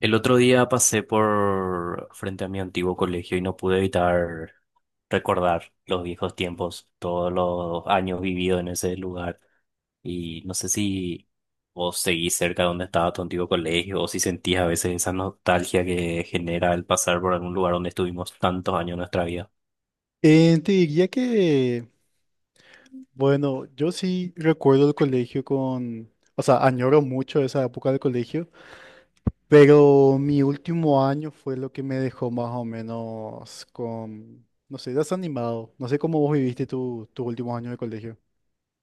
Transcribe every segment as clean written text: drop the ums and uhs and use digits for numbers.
El otro día pasé por frente a mi antiguo colegio y no pude evitar recordar los viejos tiempos, todos los años vividos en ese lugar. Y no sé si vos seguís cerca de donde estaba tu antiguo colegio o si sentís a veces esa nostalgia que genera el pasar por algún lugar donde estuvimos tantos años de nuestra vida. Te diría que bueno, yo sí recuerdo el colegio con, o sea, añoro mucho esa época del colegio, pero mi último año fue lo que me dejó más o menos con, no sé, desanimado. No sé cómo vos viviste tus últimos años de colegio.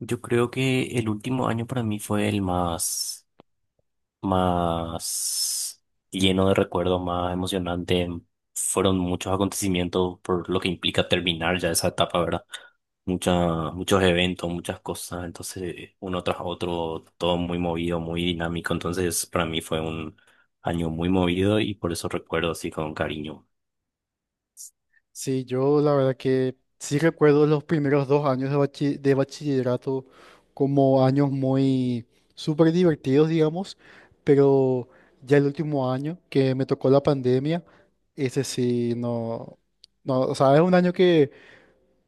Yo creo que el último año para mí fue el más lleno de recuerdos, más emocionante. Fueron muchos acontecimientos por lo que implica terminar ya esa etapa, ¿verdad? Muchos eventos, muchas cosas, entonces uno tras otro, todo muy movido, muy dinámico, entonces para mí fue un año muy movido y por eso recuerdo así con cariño. Sí, yo la verdad que sí recuerdo los primeros dos años de bachillerato como años muy súper divertidos, digamos, pero ya el último año que me tocó la pandemia, ese sí, no, o sea, es un año que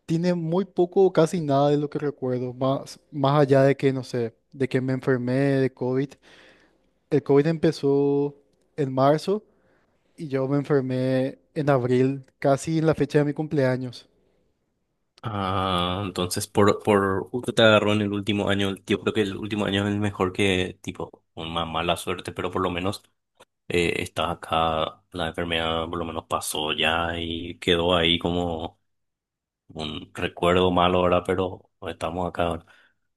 tiene muy poco o casi nada de lo que recuerdo, más allá de que, no sé, de que me enfermé de COVID. El COVID empezó en marzo y yo me enfermé en abril, casi en la fecha de mi cumpleaños. Ah, entonces por justo te agarró en el último año, yo creo que el último año es el mejor que tipo, una mala suerte, pero por lo menos está acá, la enfermedad por lo menos pasó ya y quedó ahí como un recuerdo malo ahora, pero estamos acá ahora.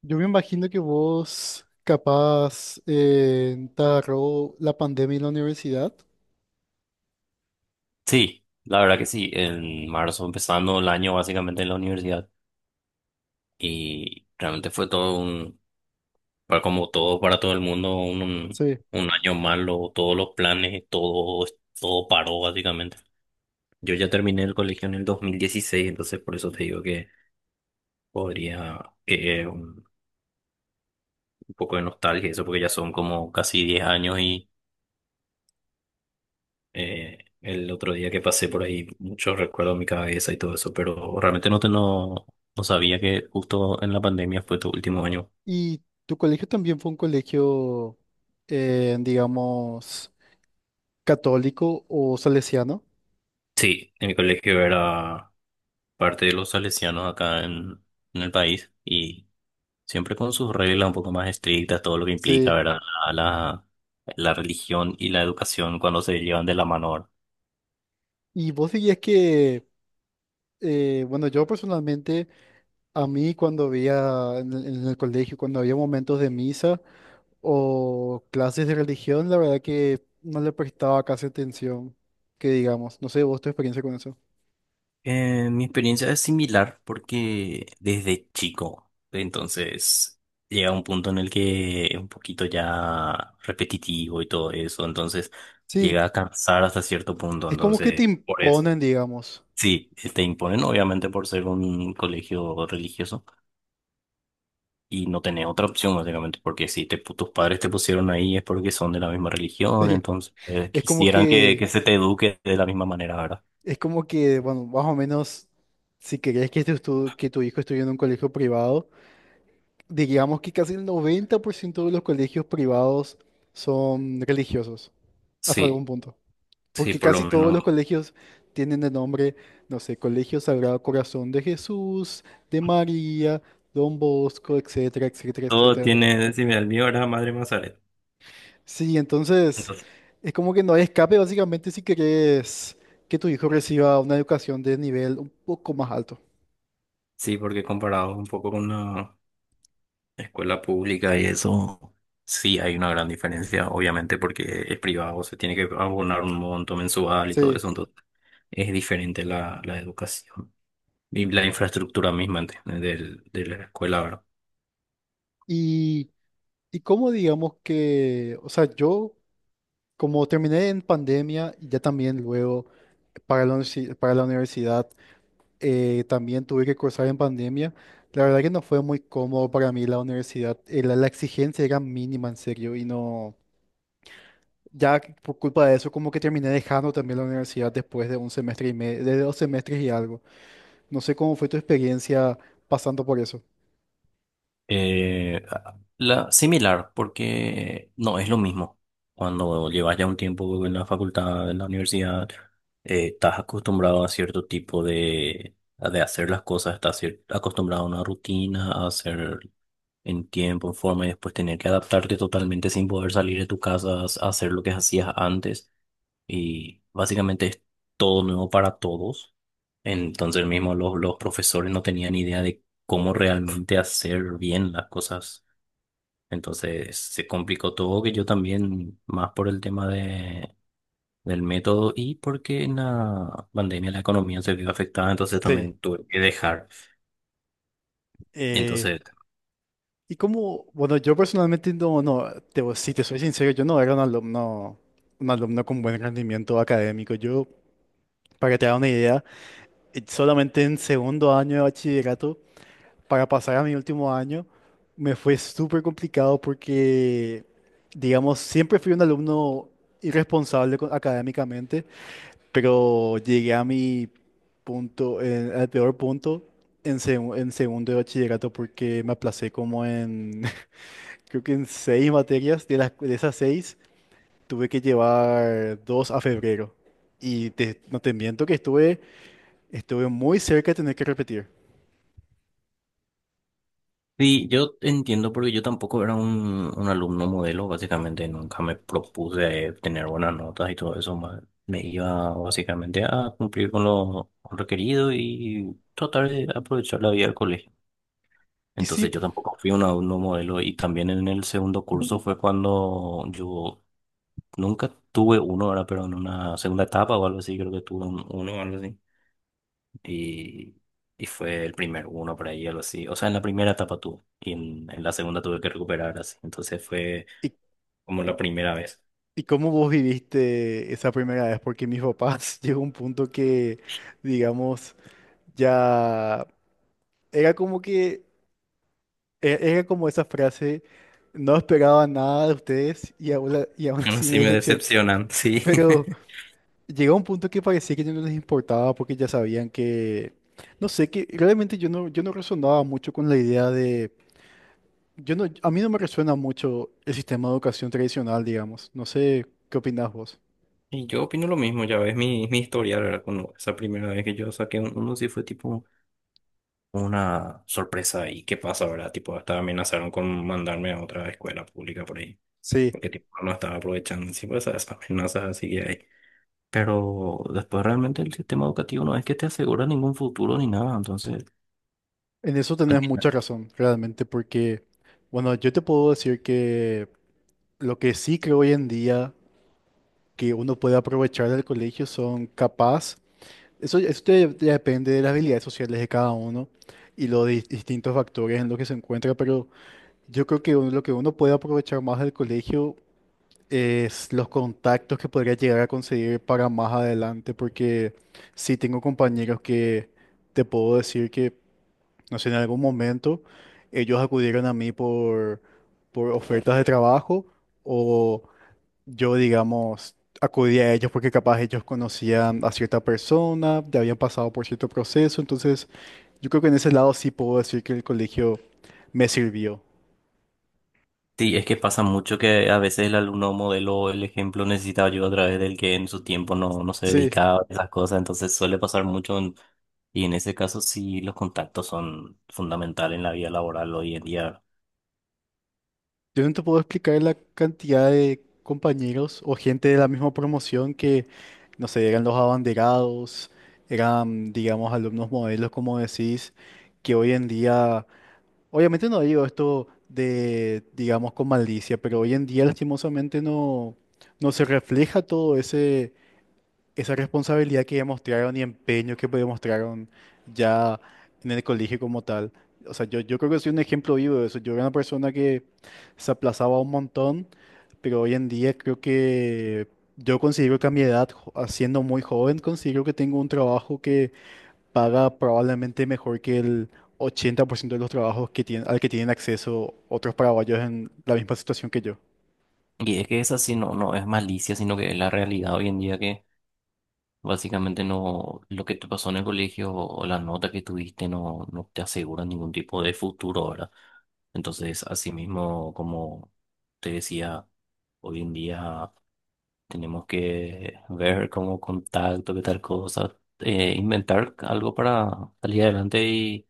Yo me imagino que vos capaz te agarró la pandemia en la universidad. Sí, la verdad que sí, en marzo empezando el año básicamente en la universidad y realmente fue todo un, como todo para todo el mundo, un Sí. un año malo, todos los planes, todo, todo paró básicamente. Yo ya terminé el colegio en el 2016, entonces por eso te digo que podría, que un- un poco de nostalgia, eso porque ya son como casi 10 años y el otro día que pasé por ahí, muchos recuerdos en mi cabeza y todo eso, pero realmente no, te, no, no sabía que justo en la pandemia fue tu último año. Y tu colegio también fue un colegio, digamos, católico o salesiano. Sí, en mi colegio era parte de los salesianos en el país y siempre con sus reglas un poco más estrictas, todo lo que implica, Sí. ¿verdad? La, la, la religión y la educación cuando se llevan de la mano, ¿verdad? Y vos dirías que, bueno, yo personalmente, a mí cuando había en el colegio, cuando había momentos de misa o clases de religión, la verdad que no le prestaba casi atención, que digamos, no sé, vos tu experiencia con eso. Mi experiencia es similar porque desde chico, entonces llega un punto en el que es un poquito ya repetitivo y todo eso, entonces Sí. llega a cansar hasta cierto punto, Es como que te entonces por eso. imponen, digamos. Sí, te imponen obviamente por ser un colegio religioso y no tenés otra opción básicamente, porque si te, pu- tus padres te pusieron ahí es porque son de la misma religión, Sí. entonces Es como quisieran que, que se te eduque de la misma manera, ¿verdad? es como que, bueno, más o menos, si querés que, que tu hijo estudie en un colegio privado, digamos que casi el 90% de los colegios privados son religiosos, hasta algún Sí, punto. sí, Porque por lo casi todos menos. los colegios tienen el nombre, no sé, Colegio Sagrado Corazón de Jesús, de María, Don Bosco, etcétera, etcétera, Todo etcétera. tiene, si me mío era Madre Mazaret. Sí, entonces Entonces, es como que no hay escape básicamente si querés que tu hijo reciba una educación de nivel un poco más alto. sí, porque comparado un poco con la escuela pública y eso, sí hay una gran diferencia, obviamente, porque es privado, se tiene que abonar un monto mensual y todo Sí. eso, entonces es diferente la educación y la infraestructura misma de la escuela, ¿verdad? Y, y como digamos que, o sea, yo como terminé en pandemia y ya también luego para la universidad, también tuve que cursar en pandemia. La verdad que no fue muy cómodo para mí la universidad, la exigencia era mínima en serio y no... Ya que por culpa de eso, como que terminé dejando también la universidad después de un semestre y medio, de dos semestres y algo. No sé cómo fue tu experiencia pasando por eso. Eh, Similar, porque no es lo mismo. Cuando llevas ya un tiempo en la facultad, en la universidad, estás acostumbrado a cierto tipo de hacer las cosas, acostumbrado a una rutina, a hacer en tiempo, en forma, y después tener que adaptarte totalmente sin poder salir de tu casa a hacer lo que hacías antes y básicamente es todo nuevo para todos. Entonces mismo los profesores no tenían idea de cómo realmente hacer bien las cosas. Entonces se complicó todo, que yo también, más por el tema del método y porque en la pandemia la economía se vio afectada, entonces Sí. también tuve que dejar. eh, Entonces y como, bueno, yo personalmente si te soy sincero, yo no era un alumno con buen rendimiento académico. Yo, para que te haga una idea, solamente en segundo año de bachillerato, para pasar a mi último año, me fue súper complicado porque, digamos, siempre fui un alumno irresponsable académicamente, pero llegué a mi punto, al peor punto en, en segundo de bachillerato porque me aplacé como en, creo que en seis materias. De las, de esas seis tuve que llevar dos a febrero. Y no te miento que estuve muy cerca de tener que repetir. sí, yo entiendo porque yo tampoco era un alumno modelo, básicamente nunca me propuse tener buenas notas y todo eso, me iba básicamente a cumplir con lo requerido y tratar de aprovechar la vida del colegio. Y sí. Entonces yo tampoco fui un alumno modelo y también en el segundo curso fue cuando yo nunca tuve uno, ahora pero en una segunda etapa o algo así, creo que tuve uno o algo así y, y fue el primer uno por ahí, algo así. O sea, en la primera etapa tuve y en la segunda tuve que recuperar así. Entonces fue como la primera vez. ¿Y cómo vos viviste esa primera vez? Porque mis papás llegó un punto que, digamos, ya era como que, era como esa frase, no esperaba nada de ustedes y y aún Aún así me así me decepcionó. decepcionan, sí. Pero llegó un punto que parecía que ya no les importaba porque ya sabían que, no sé, que realmente yo no resonaba mucho con la idea de, yo no, a mí no me resuena mucho el sistema de educación tradicional, digamos. No sé, ¿qué opinás vos? Y yo opino lo mismo, ya ves mi historia, ¿verdad? Con esa primera vez que yo saqué un uno, sí fue tipo una sorpresa. ¿Y qué pasa, verdad? Tipo, hasta amenazaron con mandarme a otra escuela pública por ahí. Sí. Porque tipo, no estaba aprovechando. Sí, pues esas amenazas así que hay. Pero después realmente el sistema educativo no es que te asegura ningún futuro ni nada, entonces En eso al tenés final... mucha razón, realmente, porque, bueno, yo te puedo decir que lo que sí creo hoy en día que uno puede aprovechar del colegio son capaz, eso ya depende de las habilidades sociales de cada uno y los distintos factores en los que se encuentra, pero yo creo que lo que uno puede aprovechar más del colegio es los contactos que podría llegar a conseguir para más adelante, porque sí tengo compañeros que te puedo decir que... No sé, en algún momento ellos acudieron a mí por ofertas de trabajo o yo, digamos, acudí a ellos porque capaz ellos conocían a cierta persona, ya habían pasado por cierto proceso. Entonces, yo creo que en ese lado sí puedo decir que el colegio me sirvió. Sí, es que pasa mucho que a veces el alumno modelo, el ejemplo necesita ayuda a través del que en su tiempo no se Sí, dedicaba a esas cosas, entonces suele pasar mucho en... y en ese caso sí los contactos son fundamentales en la vida laboral hoy en día. yo no te puedo explicar la cantidad de compañeros o gente de la misma promoción que, no sé, eran los abanderados, eran, digamos, alumnos modelos, como decís, que hoy en día, obviamente no digo esto de, digamos, con malicia, pero hoy en día lastimosamente no se refleja esa responsabilidad que demostraron y empeño que demostraron ya en el colegio como tal. O sea, yo creo que soy un ejemplo vivo de eso. Yo era una persona que se aplazaba un montón, pero hoy en día creo que yo considero que a mi edad, siendo muy joven, considero que tengo un trabajo paga probablemente mejor que el 80% de los trabajos que tienen, al que tienen acceso otros paraguayos en la misma situación que yo. Y es que esa sí no es malicia, sino que es la realidad hoy en día que básicamente no, lo que te pasó en el colegio o la nota que tuviste no te asegura ningún tipo de futuro ahora. Entonces, asimismo, como te decía, hoy en día tenemos que ver cómo contacto, qué tal cosa, inventar algo para salir adelante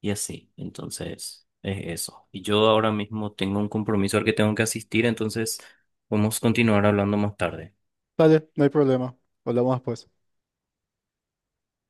y así. Entonces, es eso. Y yo ahora mismo tengo un compromiso al que tengo que asistir, entonces vamos a continuar hablando más tarde. Dale, no hay problema. Hablamos después.